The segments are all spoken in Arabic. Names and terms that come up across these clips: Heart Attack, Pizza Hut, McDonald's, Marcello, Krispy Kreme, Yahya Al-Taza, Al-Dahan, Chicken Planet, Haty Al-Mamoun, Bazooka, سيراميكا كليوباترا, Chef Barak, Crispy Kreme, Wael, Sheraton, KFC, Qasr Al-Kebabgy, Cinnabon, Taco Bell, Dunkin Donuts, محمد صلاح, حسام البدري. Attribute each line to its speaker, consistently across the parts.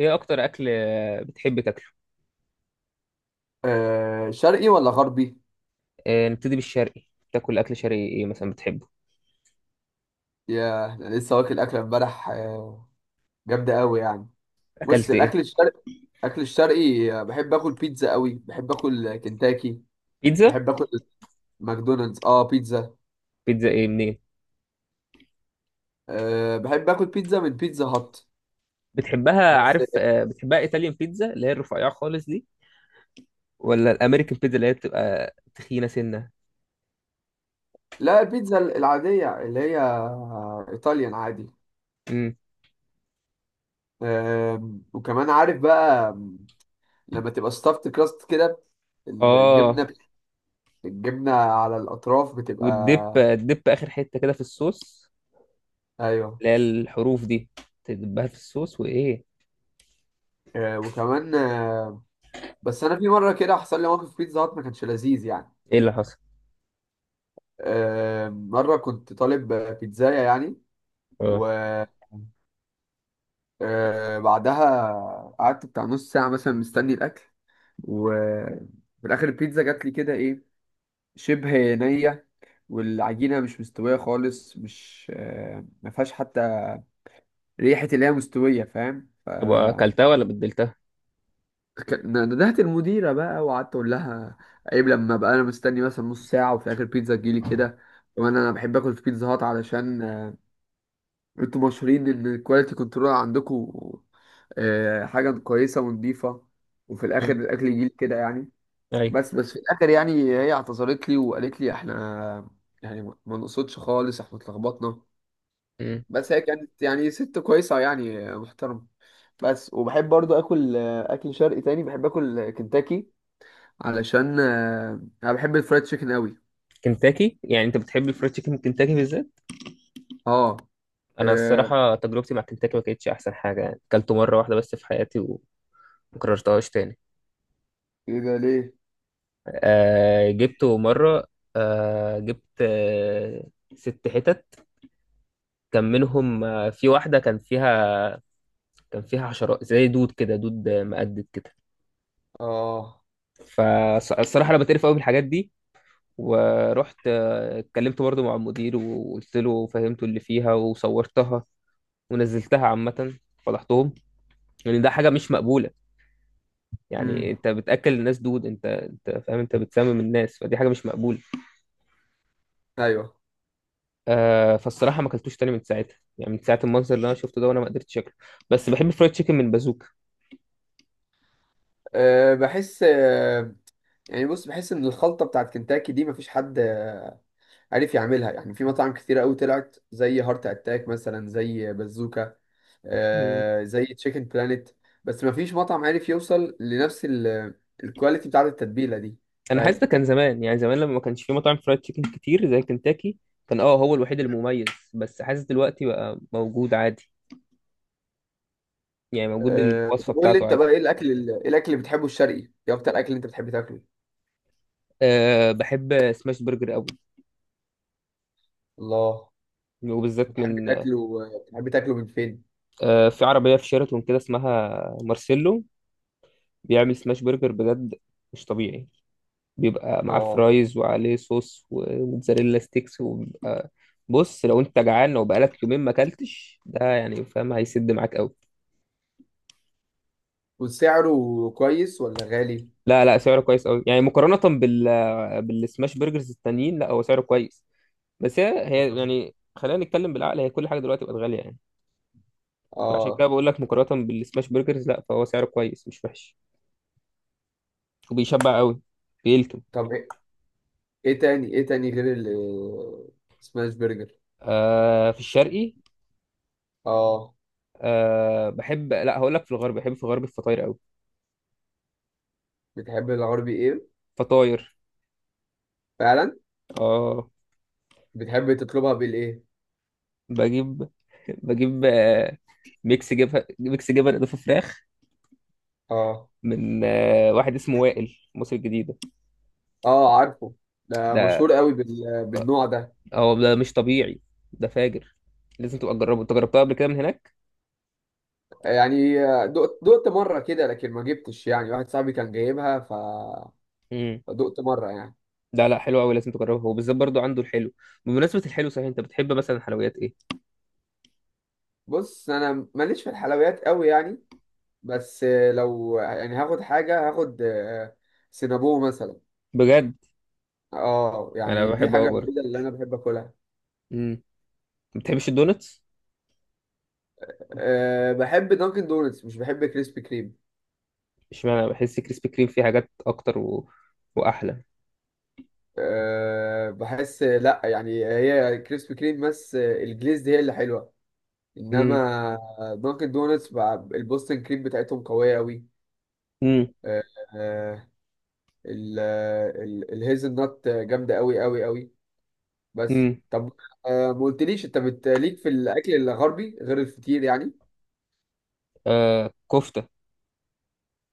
Speaker 1: ايه اكتر اكل بتحب تاكله؟
Speaker 2: شرقي ولا غربي؟
Speaker 1: نبتدي بالشرقي. تاكل اكل شرقي ايه مثلا بتحبه؟
Speaker 2: يا أنا لسه واكل أكلة امبارح، جامدة أوي يعني. بص
Speaker 1: اكلت ايه؟
Speaker 2: الأكل الشرقي، أكل الشرقي، بحب آكل بيتزا أوي. بحب آكل كنتاكي.
Speaker 1: بيتزا.
Speaker 2: بحب آكل ماكدونالدز، بيتزا.
Speaker 1: بيتزا ايه منين؟
Speaker 2: بحب آكل بيتزا من بيتزا هات
Speaker 1: بتحبها
Speaker 2: بس.
Speaker 1: عارف، بتحبها ايطاليان بيتزا اللي هي الرفيعه خالص دي، ولا الامريكان بيتزا اللي هي بتبقى تخينه سنه؟
Speaker 2: لا، البيتزا العادية اللي هي إيطاليان عادي.
Speaker 1: امم.
Speaker 2: وكمان عارف بقى لما تبقى ستافت كراست كده،
Speaker 1: اه،
Speaker 2: الجبنة الجبنة على الأطراف
Speaker 1: والدب
Speaker 2: بتبقى.
Speaker 1: الدب اخر حته كده في الصوص،
Speaker 2: أيوه.
Speaker 1: اللي هي الحروف دي، تدبها في الصوص وايه.
Speaker 2: وكمان، بس انا في مره كده حصل لي موقف بيتزا هات ما كانش لذيذ يعني.
Speaker 1: ايه اللي حصل؟
Speaker 2: مره كنت طالب بيتزايه يعني.
Speaker 1: اه.
Speaker 2: وبعدها قعدت بتاع نص ساعه مثلا مستني الاكل، وفي الاخر البيتزا جات لي كده، ايه، شبه نيه، والعجينه مش مستويه خالص. مش ما فيهاش حتى ريحه اللي هي مستويه، فاهم.
Speaker 1: طب اكلتها ولا بدلتها؟
Speaker 2: ندهت المديرة بقى وقعدت أقول لها: عيب لما بقى أنا مستني مثلا نص ساعة وفي آخر بيتزا تجيلي كده. وأنا بحب آكل في بيتزا هات، علشان أنتوا مشهورين إن الكواليتي كنترول عندكم حاجة كويسة ونضيفة، وفي الآخر
Speaker 1: امم.
Speaker 2: الأكل يجيلي كده يعني.
Speaker 1: ايوه.
Speaker 2: بس في الآخر يعني هي اعتذرت لي وقالت لي إحنا يعني ما نقصدش خالص، إحنا اتلخبطنا.
Speaker 1: امم.
Speaker 2: بس هي كانت يعني ست كويسة يعني، محترمة. بس وبحب برضو آكل أكل شرقي تاني، بحب آكل كنتاكي، علشان انا بحب الفرايد تشيكن قوي.
Speaker 1: كنتاكي، يعني انت بتحب الفرايد تشيكن من كنتاكي بالذات؟
Speaker 2: اه.
Speaker 1: انا
Speaker 2: آه،
Speaker 1: الصراحه تجربتي مع كنتاكي ما كانتش احسن حاجه، يعني اكلته مره واحده بس في حياتي وما كررتهاش تاني.
Speaker 2: ايه ده ليه؟
Speaker 1: آه، جبته مره. آه جبت ست حتت، كان منهم في واحده كان فيها، كان فيها حشرات زي دود كده، دود مقدد كده.
Speaker 2: اه.
Speaker 1: فالصراحه انا بتقرف قوي من الحاجات دي، ورحت اتكلمت برضه مع المدير وقلت له فهمته اللي فيها وصورتها ونزلتها عامه، فضحتهم. لان يعني ده حاجه مش مقبوله، يعني
Speaker 2: امم.
Speaker 1: انت بتاكل الناس دود، انت فاهم، انت بتسمم الناس، فدي حاجه مش مقبوله.
Speaker 2: ايوه.
Speaker 1: فالصراحه ما اكلتوش تاني من ساعتها، يعني من ساعه المنظر اللي انا شفته ده وانا ما قدرتش اكله. بس بحب الفرايد تشيكن من بازوكا.
Speaker 2: بحس، يعني بص بحس ان الخلطه بتاعت كنتاكي دي مفيش حد عارف يعملها. يعني في مطاعم كتيره قوي طلعت زي هارت اتاك، مثلا زي بازوكا،
Speaker 1: مم.
Speaker 2: زي تشيكن بلانيت. بس مفيش مطعم عارف يوصل لنفس الكواليتي بتاعت التتبيله دي،
Speaker 1: انا حاسس ده
Speaker 2: فاهم.
Speaker 1: كان زمان، يعني زمان لما ما كانش في مطاعم فرايد تشيكن كتير زي كنتاكي، كان هو الوحيد المميز. بس حاسس دلوقتي بقى موجود عادي، يعني موجود الوصفه
Speaker 2: طب قول لي
Speaker 1: بتاعته
Speaker 2: انت
Speaker 1: عادي.
Speaker 2: بقى، ايه الاكل ايه الاكل اللي بتحبه الشرقي؟ ايه اكتر اكل انت بتحب تاكله؟
Speaker 1: أه بحب سماش برجر قوي،
Speaker 2: الله.
Speaker 1: وبالذات من،
Speaker 2: بتحب تاكله من فين؟
Speaker 1: في عربيه في شيراتون كده اسمها مارسيلو، بيعمل سماش برجر بجد مش طبيعي. بيبقى معاه
Speaker 2: اه.
Speaker 1: فرايز وعليه صوص وموتزاريلا ستيكس، وبيبقى بص، لو انت جعان لو بقالك يومين ما اكلتش ده يعني فاهم، هيسد معاك قوي.
Speaker 2: وسعره كويس ولا غالي؟
Speaker 1: لا لا، سعره كويس قوي يعني، مقارنة بال، بالسماش برجرز التانيين، لا هو سعره كويس. بس هي يعني خلينا نتكلم بالعقل، هي كل حاجة دلوقتي بقت غالية يعني، فعشان كده
Speaker 2: اه.
Speaker 1: بقول لك مقارنة بالسماش برجرز لا، فهو سعره كويس مش وحش، وبيشبع قوي، بيلكم.
Speaker 2: طب ايه؟ إيه تاني ايه تاني غير السماش برجر؟
Speaker 1: في الشرقي.
Speaker 2: اه.
Speaker 1: آه بحب لا هقول لك، في الغرب بحب في الغرب الفطاير قوي.
Speaker 2: بتحب الغربي ايه؟
Speaker 1: فطاير.
Speaker 2: فعلا.
Speaker 1: اه.
Speaker 2: بتحب تطلبها بالايه؟
Speaker 1: بجيب بجيب ميكس جبن ميكس جبن اضافه فراخ،
Speaker 2: اه.
Speaker 1: من واحد اسمه وائل مصر الجديده.
Speaker 2: اه، عارفه. ده
Speaker 1: ده،
Speaker 2: مشهور قوي بالنوع ده.
Speaker 1: هو ده مش طبيعي، ده فاجر، لازم تبقى تجربه. انت جربتها قبل كده من هناك؟
Speaker 2: يعني دقت مره كده، لكن ما جبتش يعني، واحد صاحبي كان جايبها،
Speaker 1: امم.
Speaker 2: فدقت مره يعني.
Speaker 1: لا لا، حلو قوي، لازم تجربه. هو بالذات برضو عنده الحلو. بمناسبه الحلو، صحيح انت بتحب مثلا حلويات ايه؟
Speaker 2: بص انا ماليش في الحلويات قوي يعني. بس لو يعني هاخد حاجة، هاخد سينابو مثلا.
Speaker 1: بجد؟
Speaker 2: اه،
Speaker 1: انا
Speaker 2: يعني دي
Speaker 1: بحب قوي
Speaker 2: حاجة
Speaker 1: برضه.
Speaker 2: الوحيدة اللي أنا بحب آكلها.
Speaker 1: امم. ما بتحبش الدونتس؟
Speaker 2: بحب دانكن دونتس، مش بحب كريسبي كريم.
Speaker 1: اشمعنى، بحس كريسبي كريم فيه حاجات اكتر واحلى.
Speaker 2: بحس لأ، يعني هي كريسبي كريم بس الجليز هي اللي حلوة.
Speaker 1: امم.
Speaker 2: إنما دانكن دونتس بقى البوستن كريم بتاعتهم قوية أوي.
Speaker 1: امم.
Speaker 2: أه. آه، الهيزل نوت جامدة أوي أوي أوي. بس
Speaker 1: امم.
Speaker 2: طب، ما قلتليش أنت ليك في الأكل الغربي غير الفطير يعني؟
Speaker 1: كفته.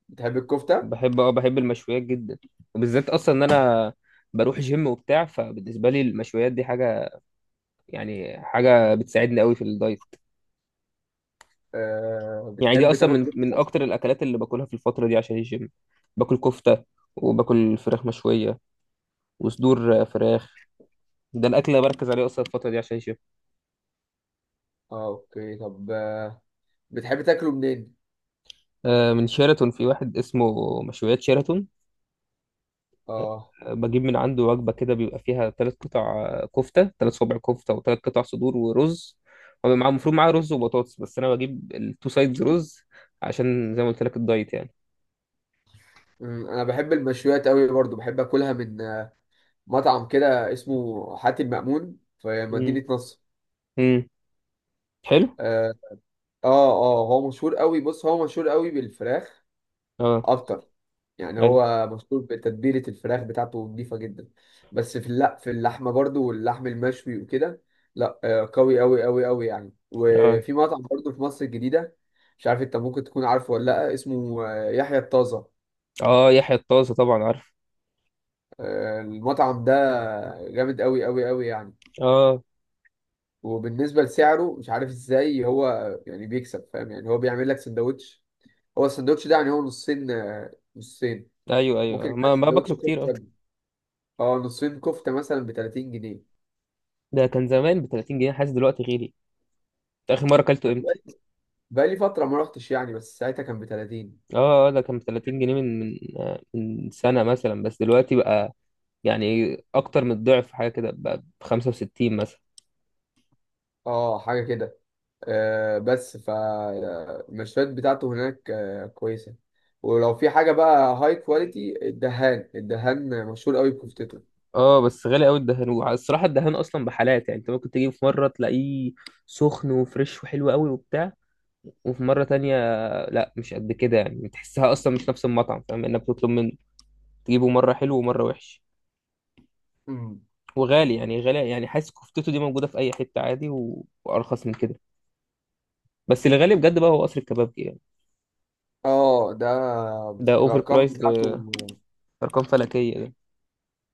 Speaker 2: بتحب الكفتة؟
Speaker 1: بحب المشويات جدا، وبالذات اصلا ان انا بروح جيم وبتاع، فبالنسبه لي المشويات دي حاجه، يعني حاجه بتساعدني قوي في الدايت. يعني دي
Speaker 2: بتحب
Speaker 1: اصلا
Speaker 2: تاكل
Speaker 1: من
Speaker 2: كفتة؟
Speaker 1: اكتر الاكلات اللي باكلها في الفتره دي عشان الجيم. باكل كفته، وباكل فراخ مشويه، وصدور فراخ. ده الاكل اللي بركز عليه اصلا الفتره دي عشان الجيم.
Speaker 2: اه، اوكي. طب بتحب تاكله منين؟
Speaker 1: من شيراتون، في واحد اسمه مشويات شيراتون،
Speaker 2: اه.
Speaker 1: بجيب من عنده وجبة كده، بيبقى فيها ثلاث قطع كفتة، ثلاث صوابع كفتة، وثلاث قطع صدور ورز. هو معاه المفروض معاه رز وبطاطس، بس أنا بجيب التو سايدز رز، عشان زي ما قلت لك الدايت يعني.
Speaker 2: انا بحب المشويات قوي برضو، بحب اكلها من مطعم كده اسمه حاتي المأمون في
Speaker 1: امم.
Speaker 2: مدينة نصر.
Speaker 1: امم. حلو.
Speaker 2: اه. اه. هو مشهور قوي، بص هو مشهور قوي بالفراخ
Speaker 1: اه.
Speaker 2: اكتر. يعني
Speaker 1: ايوه.
Speaker 2: هو مشهور بتتبيلة الفراخ بتاعته نضيفة جدا. بس في، لا، في اللحمة برضو واللحم المشوي وكده. لا قوي قوي قوي قوي يعني.
Speaker 1: اه.
Speaker 2: وفي مطعم برضو في مصر الجديدة، مش عارف انت ممكن تكون عارفه ولا لا، اسمه يحيى الطازة.
Speaker 1: اه، يحيى الطازة طبعا عارف.
Speaker 2: المطعم ده جامد قوي قوي قوي يعني.
Speaker 1: اه.
Speaker 2: وبالنسبة لسعره، مش عارف ازاي هو يعني بيكسب، فاهم. يعني هو بيعمل لك سندوتش. هو السندوتش ده يعني هو نصين، نصين.
Speaker 1: ايوه
Speaker 2: ممكن
Speaker 1: ايوه،
Speaker 2: يبقى
Speaker 1: ما
Speaker 2: سندوتش
Speaker 1: باكله كتير، اه.
Speaker 2: كفتة، اه، نصين كفتة مثلا ب 30 جنيه.
Speaker 1: ده كان زمان ب 30 جنيه، حاسس دلوقتي غالي. أنت آخر مرة أكلته
Speaker 2: أنا
Speaker 1: إمتى؟
Speaker 2: بقالي فترة ما رحتش يعني، بس ساعتها كان ب 30.
Speaker 1: ده كان ب 30 جنيه من سنة مثلا، بس دلوقتي بقى يعني اكتر من الضعف، حاجه كده ب 65 مثلا.
Speaker 2: اه، حاجة كده. بس المشفيات بتاعته هناك كويسة. ولو في حاجة بقى هاي كواليتي، الدهان مشهور قوي بكفتته.
Speaker 1: اه. بس غالي قوي الدهان، والصراحه الدهان اصلا بحالات، يعني انت ممكن تجيب في مره تلاقيه سخن وفريش وحلو قوي وبتاع، وفي مره تانية لا، مش قد كده يعني، تحسها اصلا مش نفس المطعم، فاهم، انك بتطلب من، تجيبه مره حلو ومره وحش،
Speaker 2: امم.
Speaker 1: وغالي يعني. غالي يعني، حاسس كفتته دي موجوده في اي حته عادي وارخص من كده. بس اللي غالي بجد بقى هو قصر الكبابجي يعني،
Speaker 2: اه، ده
Speaker 1: ده اوفر
Speaker 2: الأرقام
Speaker 1: برايس
Speaker 2: بتاعته.
Speaker 1: ده، ارقام فلكيه ده.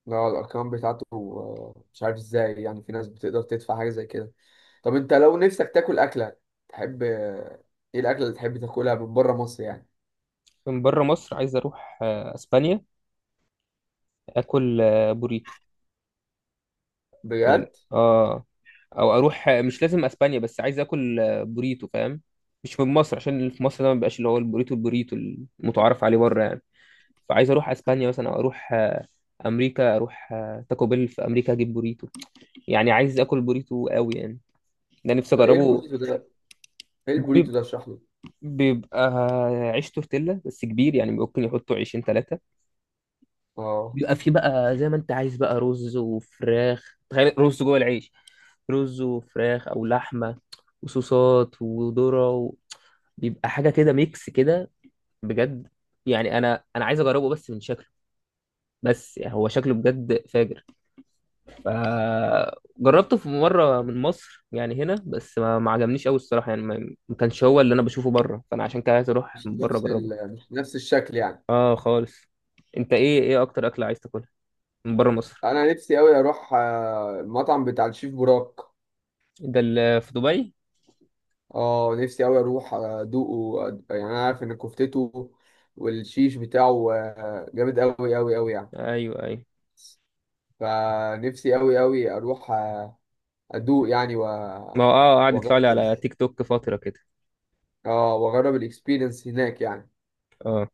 Speaker 2: لا، الأرقام بتاعته مش عارف ازاي يعني في ناس بتقدر تدفع حاجة زي كده. طب انت لو نفسك تاكل أكلة، تحب ايه الأكلة اللي تحب تاكلها من بره مصر يعني؟
Speaker 1: من بره مصر عايز اروح اسبانيا، اكل بوريتو. تمام.
Speaker 2: بجد؟
Speaker 1: اه. او اروح، مش لازم اسبانيا، بس عايز اكل بوريتو فاهم، مش من مصر، عشان اللي في مصر ده ما بيبقاش اللي هو البوريتو المتعارف عليه بره يعني. فعايز اروح اسبانيا مثلا، او اروح امريكا، اروح تاكو بيل في امريكا، اجيب بوريتو، يعني عايز اكل بوريتو قوي يعني، ده نفسي
Speaker 2: طب ايه
Speaker 1: اجربه.
Speaker 2: البروسيس ده؟ ايه البوريتو
Speaker 1: بيب-
Speaker 2: ده، اشرح له.
Speaker 1: بيبقى عيش تورتيلا بس كبير، يعني ممكن يحطوا عيشين ثلاثة،
Speaker 2: اه.
Speaker 1: بيبقى فيه بقى زي ما انت عايز، بقى رز وفراخ، تخيل رز جوه العيش، رز وفراخ او لحمه، وصوصات وذره بيبقى حاجه كده ميكس كده، بجد. يعني انا عايز اجربه بس من شكله، بس يعني هو شكله بجد فاجر. فجربته في مره من مصر يعني هنا، بس ما عجبنيش قوي الصراحه، يعني ما كانش هو اللي انا بشوفه بره، فانا عشان كده عايز اروح من بره اجربه.
Speaker 2: مش نفس الشكل يعني؟
Speaker 1: اه خالص. انت ايه اكتر اكله عايز تاكلها من بره مصر؟
Speaker 2: انا نفسي قوي اروح المطعم بتاع الشيف براك.
Speaker 1: ده اللي في دبي.
Speaker 2: اه، نفسي قوي اروح ادوقه. يعني انا عارف ان كفتته والشيش بتاعه جامد قوي قوي قوي يعني.
Speaker 1: ايوه ايوه.
Speaker 2: فنفسي قوي قوي اروح ادوق يعني.
Speaker 1: ما هو قعد يطلع لي
Speaker 2: واجرب.
Speaker 1: على تيك توك فتره كده.
Speaker 2: اه، واجرب الاكسبيرينس هناك يعني.
Speaker 1: اه.